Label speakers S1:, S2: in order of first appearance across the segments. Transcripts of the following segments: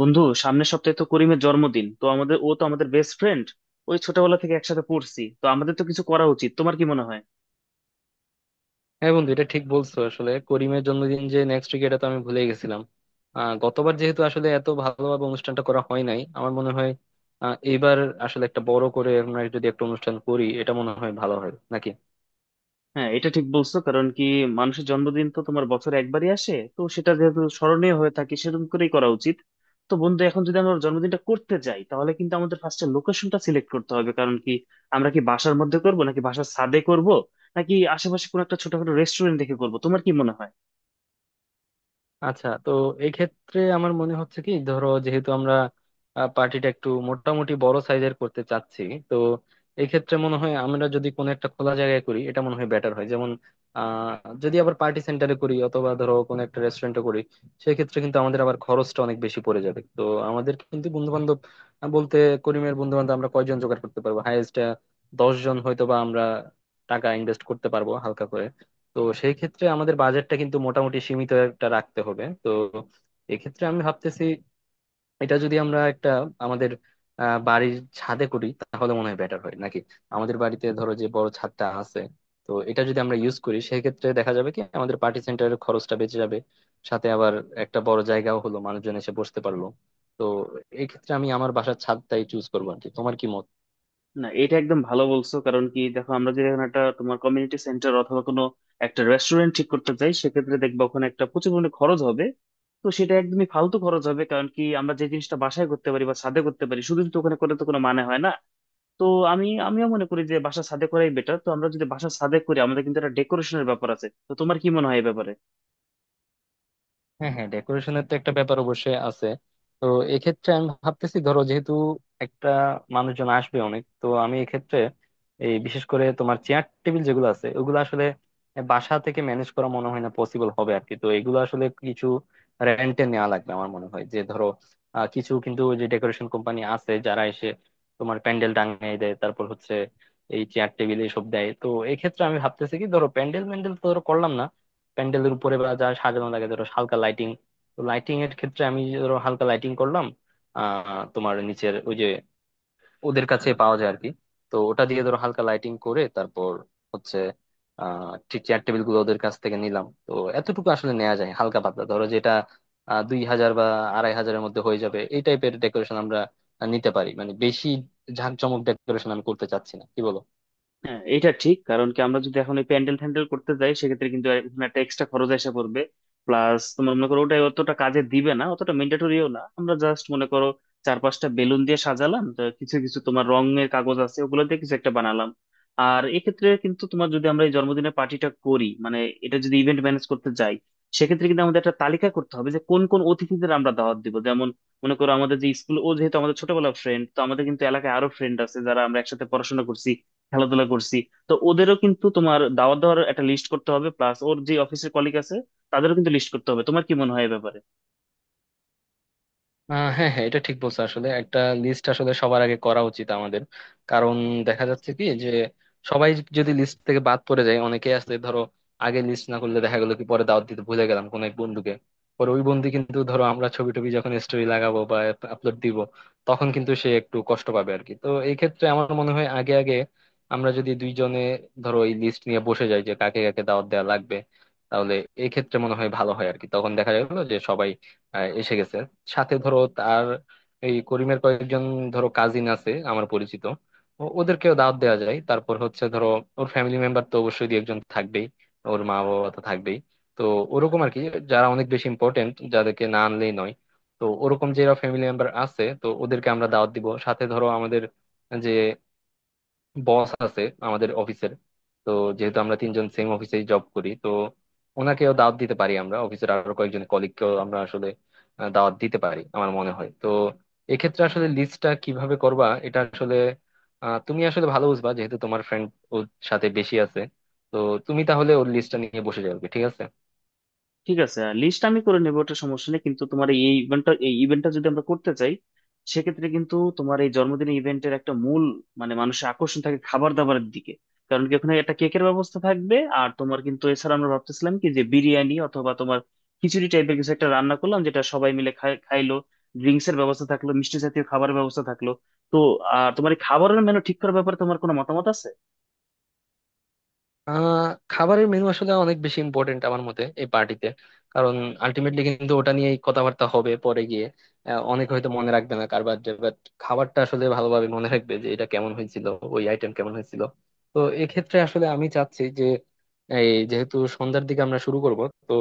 S1: বন্ধু, সামনের সপ্তাহে তো করিমের জন্মদিন। তো আমাদের, ও তো আমাদের বেস্ট ফ্রেন্ড, ওই ছোটবেলা থেকে একসাথে পড়ছি। তো আমাদের তো কিছু করা উচিত, তোমার কি মনে হয়?
S2: হ্যাঁ বন্ধু, এটা ঠিক বলছো। আসলে করিমের জন্মদিন যে নেক্সট উইক এটা তো আমি ভুলে গেছিলাম। গতবার যেহেতু আসলে এত ভালোভাবে অনুষ্ঠানটা করা হয় নাই আমার মনে হয়। এইবার আসলে একটা বড় করে আমরা যদি একটা অনুষ্ঠান করি এটা মনে হয় ভালো হয় নাকি।
S1: হ্যাঁ, এটা ঠিক বলছো। কারণ কি, মানুষের জন্মদিন তো তোমার বছরে একবারই আসে, তো সেটা যেহেতু স্মরণীয় হয়ে থাকে সেরকম করেই করা উচিত। তো বন্ধু, এখন যদি আমরা ওর জন্মদিনটা করতে যাই, তাহলে কিন্তু আমাদের ফার্স্টে লোকেশনটা সিলেক্ট করতে হবে। কারণ কি, আমরা কি বাসার মধ্যে করব নাকি বাসার ছাদে করব, নাকি আশেপাশে কোনো একটা ছোটখাটো রেস্টুরেন্ট দেখে করব? তোমার কি মনে হয়?
S2: আচ্ছা, তো এই ক্ষেত্রে আমার মনে হচ্ছে কি, ধরো যেহেতু আমরা পার্টিটা একটু মোটামুটি বড় সাইজের করতে চাচ্ছি, তো এই ক্ষেত্রে মনে হয় আমরা যদি কোনো একটা খোলা জায়গায় করি এটা মনে হয় বেটার হয়। যেমন যদি আবার পার্টি সেন্টারে করি অথবা ধরো কোনো একটা রেস্টুরেন্টে করি, সেক্ষেত্রে কিন্তু আমাদের আবার খরচটা অনেক বেশি পড়ে যাবে। তো আমাদের কিন্তু বন্ধু বান্ধব বলতে, করিমের বন্ধু বান্ধব আমরা কয়জন জোগাড় করতে পারবো, হাইয়েস্ট 10 জন। হয়তো বা আমরা টাকা ইনভেস্ট করতে পারবো হালকা করে, তো সেই ক্ষেত্রে আমাদের বাজেটটা কিন্তু মোটামুটি সীমিত একটা রাখতে হবে। তো এক্ষেত্রে আমি ভাবতেছি এটা যদি আমরা একটা আমাদের বাড়ির ছাদে করি তাহলে মনে হয় বেটার হয় নাকি। আমাদের বাড়িতে ধরো যে বড় ছাদটা আছে, তো এটা যদি আমরা ইউজ করি সেক্ষেত্রে দেখা যাবে কি আমাদের পার্টি সেন্টারের খরচটা বেঁচে যাবে, সাথে আবার একটা বড় জায়গাও হলো, মানুষজন এসে বসতে পারলো। তো এই ক্ষেত্রে আমি আমার বাসার ছাদটাই চুজ করবো আর কি। তোমার কি মত?
S1: না, এটা একদম ভালো বলছো। কারণ কি, দেখো আমরা যদি এখন একটা তোমার কমিউনিটি সেন্টার অথবা কোনো একটা রেস্টুরেন্ট ঠিক করতে চাই, সেক্ষেত্রে দেখবা ওখানে একটা প্রচুর পরিমাণে খরচ হবে। তো সেটা একদমই ফালতু খরচ হবে, কারণ কি আমরা যে জিনিসটা বাসায় করতে পারি বা ছাদে করতে পারি শুধু, তো ওখানে করে তো কোনো মানে হয় না। তো আমিও মনে করি যে বাসা ছাদে করাই বেটার। তো আমরা যদি বাসা ছাদে করি, আমাদের কিন্তু একটা ডেকোরেশনের ব্যাপার আছে। তো তোমার কি মনে হয় এই ব্যাপারে?
S2: হ্যাঁ হ্যাঁ, ডেকোরেশনের তো একটা ব্যাপার অবশ্যই আছে। তো এক্ষেত্রে আমি ভাবতেছি, ধরো যেহেতু একটা মানুষজন আসবে অনেক, তো আমি এক্ষেত্রে এই বিশেষ করে তোমার চেয়ার টেবিল যেগুলো আছে ওগুলো আসলে বাসা থেকে ম্যানেজ করা মনে হয় না পসিবল হবে আর কি। তো এগুলো আসলে কিছু রেন্টে নেওয়া লাগবে আমার মনে হয়। যে ধরো কিছু কিন্তু ওই যে ডেকোরেশন কোম্পানি আছে, যারা এসে তোমার প্যান্ডেল টাঙিয়ে দেয়, তারপর হচ্ছে এই চেয়ার টেবিল এইসব দেয়। তো এক্ষেত্রে আমি ভাবতেছি কি, ধরো প্যান্ডেল ম্যান্ডেল তো ধরো করলাম না, প্যান্ডেলের উপরে বা যা সাজানো লাগে, ধরো হালকা লাইটিং। তো লাইটিং এর ক্ষেত্রে আমি ধরো হালকা লাইটিং করলাম, তোমার নিচের ওই যে ওদের কাছে পাওয়া যায় আর কি। তো ওটা দিয়ে ধরো হালকা লাইটিং করে, তারপর হচ্ছে ঠিক চেয়ার টেবিল গুলো ওদের কাছ থেকে নিলাম। তো এতটুকু আসলে নেওয়া যায় হালকা পাতলা, ধরো যেটা 2,000 বা 2,500-এর মধ্যে হয়ে যাবে। এই টাইপের ডেকোরেশন আমরা নিতে পারি, মানে বেশি ঝাঁকজমক ডেকোরেশন আমি করতে চাচ্ছি না। কি বলো?
S1: হ্যাঁ, এটা ঠিক। কারণ কি আমরা যদি এখন এই প্যান্ডেল ফ্যান্ডেল করতে যাই, সেক্ষেত্রে কিন্তু এখানে একটা এক্সট্রা খরচ এসে পড়বে। প্লাস তোমার মনে করো, ওটাই অতটা কাজে দিবে না, অতটা ম্যান্ডেটরিও না। আমরা জাস্ট মনে করো চার পাঁচটা বেলুন দিয়ে সাজালাম, তো কিছু কিছু তোমার রঙের কাগজ আছে, ওগুলো দিয়ে কিছু একটা বানালাম। আর এক্ষেত্রে কিন্তু তোমার, যদি আমরা এই জন্মদিনের পার্টিটা করি মানে, এটা যদি ইভেন্ট ম্যানেজ করতে যাই, সেক্ষেত্রে কিন্তু আমাদের একটা তালিকা করতে হবে যে কোন কোন অতিথিদের আমরা দাওয়াত দিব। যেমন মনে করো, আমাদের যে স্কুল, ও যেহেতু আমাদের ছোটবেলার ফ্রেন্ড, তো আমাদের কিন্তু এলাকায় আরো ফ্রেন্ড আছে যারা আমরা একসাথে পড়াশোনা করছি, খেলাধুলা করছি। তো ওদেরও কিন্তু তোমার দাওয়াত দেওয়ার একটা লিস্ট করতে হবে, প্লাস ওর যে অফিসের কলিগ আছে, তাদেরও কিন্তু লিস্ট করতে হবে। তোমার কি মনে হয় এ ব্যাপারে?
S2: হ্যাঁ হ্যাঁ, এটা ঠিক বলছো। আসলে একটা লিস্ট আসলে সবার আগে করা উচিত আমাদের, কারণ দেখা যাচ্ছে কি যে সবাই যদি লিস্ট থেকে বাদ পড়ে যায়, অনেকে আছে ধরো আগে লিস্ট না করলে দেখা গেলো কি পরে দাওয়াত দিতে ভুলে গেলাম কোনো এক বন্ধুকে, পরে ওই বন্ধু কিন্তু ধরো আমরা ছবি টবি যখন স্টোরি লাগাবো বা আপলোড দিব, তখন কিন্তু সে একটু কষ্ট পাবে আর কি। তো এই ক্ষেত্রে আমার মনে হয় আগে আগে আমরা যদি দুইজনে ধরো এই লিস্ট নিয়ে বসে যাই যে কাকে কাকে দাওয়াত দেওয়া লাগবে, তাহলে এই ক্ষেত্রে মনে হয় ভালো হয় আর কি। তখন দেখা গেলো যে সবাই এসে গেছে, সাথে ধরো তার এই করিমের কয়েকজন ধরো কাজিন আছে আমার পরিচিত, ওদেরকেও দাওয়াত দেওয়া যায়। তারপর হচ্ছে ধরো ওর ফ্যামিলি মেম্বার তো অবশ্যই দুই একজন থাকবেই, ওর মা বাবা তো থাকবেই। তো ওরকম আর কি, যারা অনেক বেশি ইম্পর্টেন্ট যাদেরকে না আনলেই নয়, তো ওরকম যারা ফ্যামিলি মেম্বার আছে তো ওদেরকে আমরা দাওয়াত দিব। সাথে ধরো আমাদের যে বস আছে আমাদের অফিসের, তো যেহেতু আমরা তিনজন সেম অফিসে জব করি, তো ওনাকেও দাওয়াত দিতে পারি আমরা। অফিসের আরো কয়েকজন কলিগকেও আমরা আসলে দাওয়াত দিতে পারি আমার মনে হয়। তো এক্ষেত্রে আসলে লিস্টটা কিভাবে করবা এটা আসলে, তুমি আসলে ভালো বুঝবা যেহেতু তোমার ফ্রেন্ড ওর সাথে বেশি আছে। তো তুমি তাহলে ওর লিস্টটা নিয়ে বসে যাবে, ঠিক আছে?
S1: ঠিক আছে, লিস্ট আমি করে নেবো, ওটা সমস্যা নেই। কিন্তু তোমার এই ইভেন্টটা যদি আমরা করতে চাই, সেক্ষেত্রে কিন্তু তোমার এই জন্মদিনের ইভেন্টের একটা মূল মানে মানুষের আকর্ষণ থাকে খাবার দাবারের দিকে। কারণ কি, ওখানে একটা কেকের ব্যবস্থা থাকবে, আর তোমার কিন্তু এছাড়া আমরা ভাবতেছিলাম কি যে বিরিয়ানি অথবা তোমার খিচুড়ি টাইপের কিছু একটা রান্না করলাম যেটা সবাই মিলে খাইলো। ড্রিঙ্কস এর ব্যবস্থা থাকলো, মিষ্টি জাতীয় খাবারের ব্যবস্থা থাকলো। তো আর তোমার এই খাবারের মেনু ঠিক করার ব্যাপারে তোমার কোনো মতামত আছে?
S2: আহ খাবারের মেনু আসলে অনেক বেশি ইম্পর্টেন্ট আমার মতে এই পার্টিতে, কারণ আলটিমেটলি কিন্তু ওটা নিয়েই কথাবার্তা হবে পরে গিয়ে। অনেক হয়তো মনে রাখবে না কারবার, বাট খাবারটা আসলে ভালোভাবে মনে রাখবে যে এটা কেমন হয়েছিল, ওই আইটেম কেমন হয়েছিল। তো এক্ষেত্রে আসলে আমি চাচ্ছি যে এই যেহেতু সন্ধ্যার দিকে আমরা শুরু করব, তো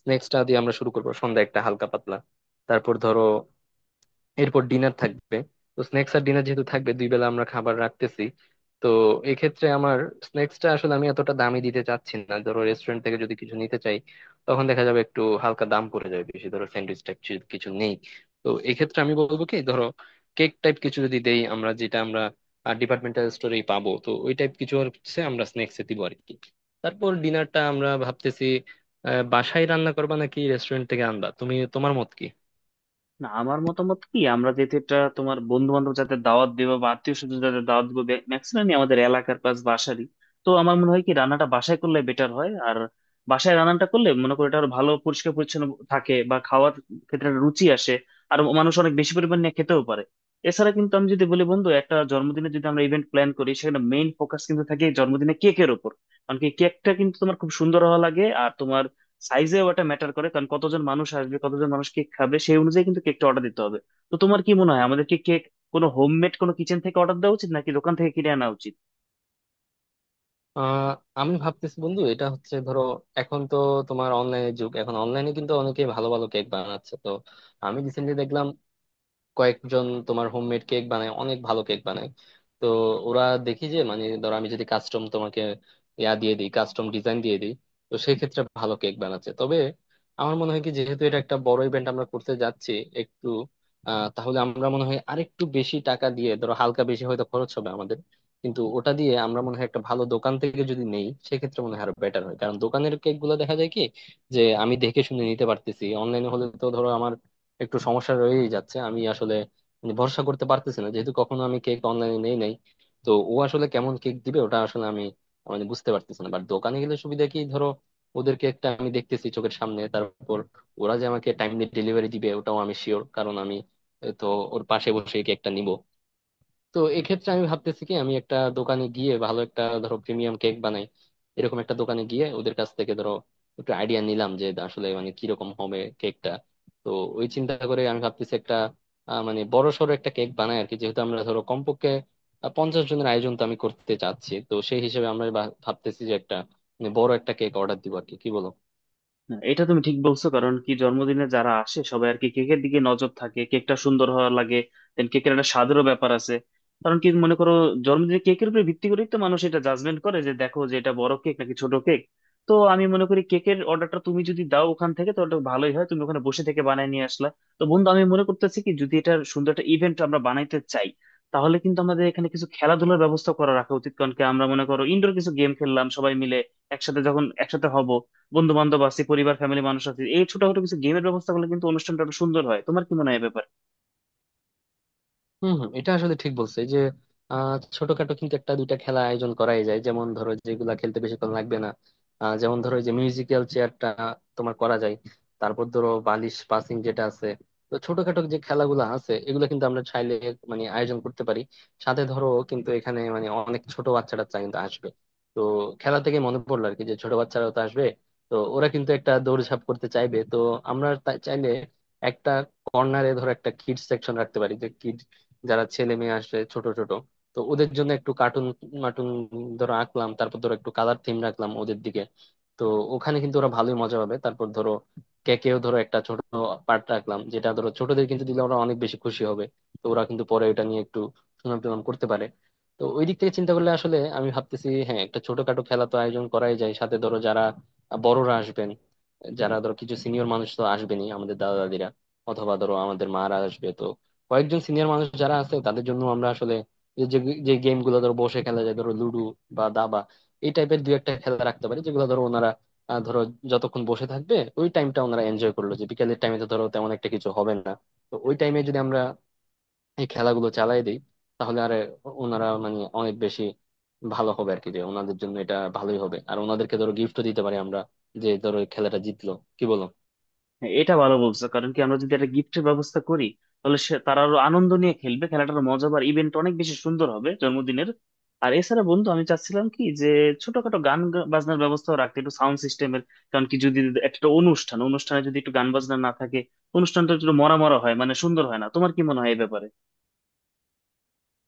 S2: স্ন্যাক্সটা দিয়ে আমরা শুরু করব সন্ধ্যা একটা হালকা পাতলা, তারপর ধরো এরপর ডিনার থাকবে। তো স্ন্যাক্স আর ডিনার যেহেতু থাকবে, দুই বেলা আমরা খাবার রাখতেছি, তো এক্ষেত্রে আমার স্ন্যাক্সটা আসলে আমি এতটা দামি দিতে চাচ্ছি না। ধরো রেস্টুরেন্ট থেকে যদি কিছু নিতে চাই তখন দেখা যাবে একটু হালকা দাম পড়ে যাবে বেশি, ধরো স্যান্ডউইচ টাইপ কিছু নেই। তো এক্ষেত্রে আমি বলবো কি, ধরো কেক টাইপ কিছু যদি দেই আমরা যেটা আমরা ডিপার্টমেন্টাল স্টোরেই পাবো, তো ওই টাইপ কিছু হচ্ছে আমরা স্ন্যাক্সে দিব আর কি। তারপর ডিনারটা আমরা ভাবতেছি বাসায় রান্না করবা নাকি রেস্টুরেন্ট থেকে আনবা, তুমি, তোমার মত কি?
S1: না, আমার মতামত কি, আমরা যেহেতু এটা তোমার বন্ধু বান্ধব যাতে দাওয়াত দেবো বা আত্মীয় স্বজন যাতে দাওয়াত দিব, ম্যাক্সিমামই আমাদের এলাকার পাশ বাসারই। তো আমার মনে হয় কি রান্নাটা বাসায় করলে বেটার হয়। আর বাসায় রান্নাটা করলে মনে করি এটা আরো ভালো, পরিষ্কার পরিচ্ছন্ন থাকে, বা খাওয়ার ক্ষেত্রে একটা রুচি আসে। আর মানুষ অনেক বেশি পরিমাণ নিয়ে খেতেও পারে। এছাড়া কিন্তু আমি যদি বলি বন্ধু, একটা জন্মদিনে যদি আমরা ইভেন্ট প্ল্যান করি, সেখানে মেইন ফোকাস কিন্তু থাকে জন্মদিনে কেকের উপর। কারণ কি, কেকটা কিন্তু তোমার খুব সুন্দর হওয়া লাগে, আর তোমার সাইজেও এটা ম্যাটার করে। কারণ কতজন মানুষ আসবে, কতজন মানুষ কেক খাবে, সেই অনুযায়ী কিন্তু কেকটা অর্ডার দিতে হবে। তো তোমার কি মনে হয় আমাদের কি কেক কোনো হোমমেড কোনো কিচেন থেকে অর্ডার দেওয়া উচিত নাকি দোকান থেকে কিনে আনা উচিত?
S2: আহ আমি ভাবতেছি বন্ধু, এটা হচ্ছে ধরো এখন তো তোমার অনলাইনের যুগ, এখন অনলাইনে কিন্তু অনেকে ভালো ভালো কেক বানাচ্ছে। তো আমি রিসেন্টলি দেখলাম কয়েকজন তোমার হোমমেড কেক বানায়, অনেক ভালো কেক বানায়। তো ওরা দেখি যে মানে ধরো আমি যদি কাস্টম তোমাকে ইয়া দিয়ে দিই, কাস্টম ডিজাইন দিয়ে দিই, তো সেই ক্ষেত্রে ভালো কেক বানাচ্ছে। তবে আমার মনে হয় কি যেহেতু এটা একটা বড় ইভেন্ট আমরা করতে যাচ্ছি, একটু তাহলে আমরা মনে হয় আরেকটু বেশি টাকা দিয়ে ধরো হালকা বেশি হয়তো খরচ হবে আমাদের, কিন্তু ওটা দিয়ে আমরা মনে হয় একটা ভালো দোকান থেকে যদি নেই সেক্ষেত্রে মনে হয় আরো বেটার হয়। কারণ দোকানের কেক গুলো দেখা যায় কি যে আমি দেখে শুনে নিতে পারতেছি, অনলাইনে হলে তো ধরো আমার একটু সমস্যা রয়েই যাচ্ছে, আমি আসলে মানে ভরসা করতে পারতেছি না যেহেতু কখনো আমি কেক অনলাইনে নেই নাই। তো ও আসলে কেমন কেক দিবে ওটা আসলে আমি মানে বুঝতে পারতেছি না। বাট দোকানে গেলে সুবিধা কি, ধরো ওদের কেকটা আমি দেখতেছি চোখের সামনে, তারপর ওরা যে আমাকে টাইমলি ডেলিভারি দিবে ওটাও আমি শিওর, কারণ আমি তো ওর পাশে বসে কেকটা নিব। তো এক্ষেত্রে আমি ভাবতেছি কি আমি একটা দোকানে গিয়ে ভালো একটা ধরো প্রিমিয়াম কেক বানাই এরকম একটা দোকানে গিয়ে ওদের কাছ থেকে ধরো একটু আইডিয়া নিলাম যে আসলে মানে কিরকম হবে কেকটা। তো ওই চিন্তা করে আমি ভাবতেছি একটা মানে বড় সড়ো একটা কেক বানাই আর কি, যেহেতু আমরা ধরো কমপক্ষে 50 জনের আয়োজন তো আমি করতে চাচ্ছি, তো সেই হিসেবে আমরা ভাবতেছি যে একটা মানে বড় একটা কেক অর্ডার দিব আর কি। কি বলো?
S1: না, এটা তুমি ঠিক বলছো। কারণ কি, জন্মদিনে যারা আসে সবাই আর কি কেকের দিকে নজর থাকে, কেকটা সুন্দর হওয়া লাগে। দেন কেকের একটা স্বাদেরও ব্যাপার আছে। কারণ কি মনে করো, জন্মদিনে কেকের উপর ভিত্তি করেই তো মানুষ এটা জাজমেন্ট করে যে দেখো যে এটা বড় কেক নাকি ছোট কেক। তো আমি মনে করি কেকের অর্ডারটা তুমি যদি দাও ওখান থেকে, তো ওটা ভালোই হয়, তুমি ওখানে বসে থেকে বানায় নিয়ে আসলা। তো বন্ধু, আমি মনে করতেছি কি যদি এটা সুন্দর একটা ইভেন্ট আমরা বানাইতে চাই, তাহলে কিন্তু আমাদের এখানে কিছু খেলাধুলার ব্যবস্থা করা রাখা উচিত। কারণ কি আমরা মনে করো ইনডোর কিছু গেম খেললাম সবাই মিলে একসাথে, যখন একসাথে হব, বন্ধু বান্ধব আছে, পরিবার ফ্যামিলি মানুষ আছে, এই ছোটখাটো কিছু গেমের ব্যবস্থা করলে কিন্তু অনুষ্ঠানটা আরো সুন্দর হয়। তোমার কি মনে হয় ব্যাপার?
S2: হম, হম, এটা আসলে ঠিক বলছে যে ছোটখাটো কিন্তু একটা দুইটা খেলা আয়োজন করাই যায়, যেমন ধরো যেগুলা খেলতে বেশিক্ষণ লাগবে না। যেমন ধরো এই যে মিউজিক্যাল চেয়ারটা তোমার করা যায়, তারপর ধরো বালিশ পাসিং যেটা আছে। তো ছোটখাটো যে খেলাগুলো আছে এগুলো কিন্তু আমরা চাইলে মানে আয়োজন করতে পারি। সাথে ধরো কিন্তু এখানে মানে অনেক ছোট বাচ্চারা টাচ্চা কিন্তু আসবে, তো খেলা থেকে মনে পড়লো আর কি যে ছোট বাচ্চারাও তো আসবে। তো ওরা কিন্তু একটা দৌড়ঝাঁপ করতে চাইবে, তো আমরা চাইলে একটা কর্নারে ধরো একটা কিড সেকশন রাখতে পারি, যারা ছেলে মেয়ে আসে ছোট ছোট। তো ওদের জন্য একটু কার্টুন মাটুন ধরো আঁকলাম, তারপর ধরো একটু কালার থিম রাখলাম ওদের দিকে। তো ওখানে কিন্তু ওরা ভালোই মজা পাবে। তারপর ধরো কেকেও ধরো একটা ছোট পার্ট রাখলাম, যেটা ধরো ছোটদের কিন্তু দিলে ওরা অনেক বেশি খুশি হবে। তো ওরা কিন্তু পরে এটা নিয়ে একটু সুনাম টুনাম করতে পারে। তো ওই দিক থেকে চিন্তা করলে আসলে আমি ভাবতেছি হ্যাঁ, একটা ছোটখাটো খেলা তো আয়োজন করাই যায়। সাথে ধরো যারা বড়রা আসবেন, যারা ধরো কিছু সিনিয়র মানুষ তো আসবেনই, আমাদের দাদা দাদিরা অথবা ধরো আমাদের মারা আসবে, তো কয়েকজন সিনিয়র মানুষ যারা আছে তাদের জন্য আমরা আসলে এই যে যে গেম গুলো ধরো বসে খেলা যায়, ধরো লুডো বা দাবা, এই টাইপের দুই একটা খেলা রাখতে পারি। যেগুলো ধরো ওনারা ধরো যতক্ষণ বসে থাকবে ওই টাইমটা ওনারা এনজয় করলো, যে বিকেলের টাইমে তো ধরো তেমন একটা কিছু হবে না, তো ওই টাইমে যদি আমরা এই খেলাগুলো চালাই দিই, তাহলে আর ওনারা মানে অনেক বেশি ভালো হবে আর কি, যে ওনাদের জন্য এটা ভালোই হবে। আর ওনাদেরকে ধরো গিফটও দিতে পারি আমরা, যে ধরো এই খেলাটা জিতলো। কি বলো?
S1: হ্যাঁ, এটা ভালো বলছো। কারণ কি আমরা যদি একটা গিফটের ব্যবস্থা করি, তাহলে সে তারা আরো আনন্দ নিয়ে খেলবে, খেলাটার মজা আর ইভেন্ট অনেক বেশি সুন্দর হবে জন্মদিনের। আর এছাড়া বন্ধু, আমি চাচ্ছিলাম কি যে ছোটখাটো গান বাজনার ব্যবস্থা রাখতে, একটু সাউন্ড সিস্টেমের। কারণ কি যদি একটা অনুষ্ঠানে যদি একটু গান বাজনা না থাকে, অনুষ্ঠানটা একটু মরা মরা হয়, মানে সুন্দর হয় না। তোমার কি মনে হয় এই ব্যাপারে?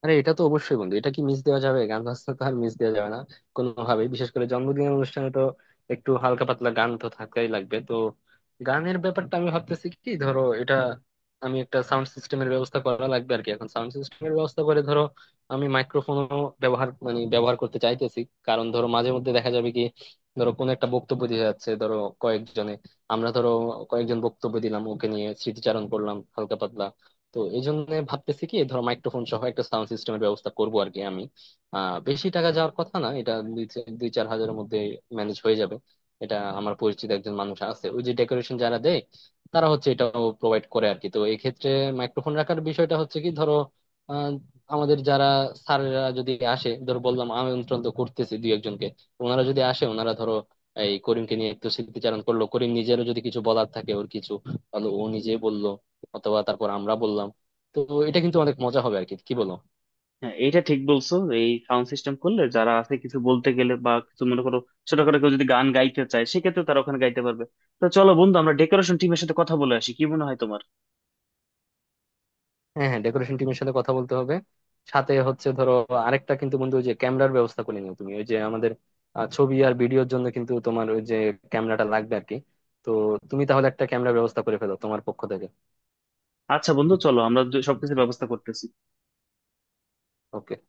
S2: আরে এটা তো অবশ্যই বন্ধু, এটা কি মিস দেওয়া যাবে, গান বাজনা তো আর মিস দেওয়া যাবে না কোনোভাবেই, বিশেষ করে জন্মদিনের অনুষ্ঠানে তো একটু হালকা পাতলা গান তো থাকাই লাগবে। তো গানের ব্যাপারটা আমি ভাবতেছি কি, ধরো এটা আমি একটা সাউন্ড সিস্টেমের ব্যবস্থা করা লাগবে আর কি। এখন সাউন্ড সিস্টেমের ব্যবস্থা করে ধরো আমি মাইক্রোফোনও ব্যবহার করতে চাইতেছি, কারণ ধরো মাঝে মধ্যে দেখা যাবে কি ধরো কোন একটা বক্তব্য দিয়ে যাচ্ছে ধরো কয়েকজনে, আমরা ধরো কয়েকজন বক্তব্য দিলাম, ওকে নিয়ে স্মৃতিচারণ করলাম হালকা পাতলা। তো এই জন্য ভাবতেছি কি ধরো মাইক্রোফোন সহ একটা সাউন্ড সিস্টেমের ব্যবস্থা করব আর কি আমি। বেশি টাকা যাওয়ার কথা না, এটা 2-4 হাজারের মধ্যে ম্যানেজ হয়ে যাবে। এটা আমার পরিচিত একজন মানুষ আছে ওই যে ডেকোরেশন যারা দেয়, তারা হচ্ছে এটাও প্রোভাইড করে আর কি। তো এক্ষেত্রে মাইক্রোফোন রাখার বিষয়টা হচ্ছে কি, ধরো আহ আমাদের যারা স্যাররা যদি আসে, ধরো বললাম আমন্ত্রণ তো করতেছি দুই একজনকে, ওনারা যদি আসে ওনারা ধরো এই করিমকে নিয়ে একটু স্মৃতিচারণ করলো, করিম নিজেরও যদি কিছু বলার থাকে ওর কিছু, তাহলে ও নিজে বললো, অথবা তারপর আমরা বললাম। তো এটা কিন্তু অনেক মজা হবে আর কি। কি বলো?
S1: হ্যাঁ, এটা ঠিক বলছো। এই সাউন্ড সিস্টেম করলে যারা আছে কিছু বলতে গেলে, বা কিছু মনে করো ছোটখাটো কেউ যদি গান গাইতে চায়, সেক্ষেত্রে তারা ওখানে গাইতে পারবে। তো চলো বন্ধু আমরা ডেকোরেশন টিমের সাথে কথা বলে আসি, কি মনে হয় তোমার?
S2: হ্যাঁ হ্যাঁ, ডেকোরেশন টিমের সাথে কথা বলতে হবে। সাথে হচ্ছে ধরো আরেকটা কিন্তু বন্ধু, ওই যে ক্যামেরার ব্যবস্থা করে নিও তুমি, ওই যে আমাদের ছবি আর ভিডিওর জন্য কিন্তু তোমার ওই যে ক্যামেরাটা লাগবে আর কি। তো তুমি তাহলে একটা ক্যামেরার ব্যবস্থা করে ফেলো তোমার পক্ষ থেকে।
S1: আচ্ছা বন্ধু, চলো আমরা সবকিছুর ব্যবস্থা করতেছি।
S2: ওকে।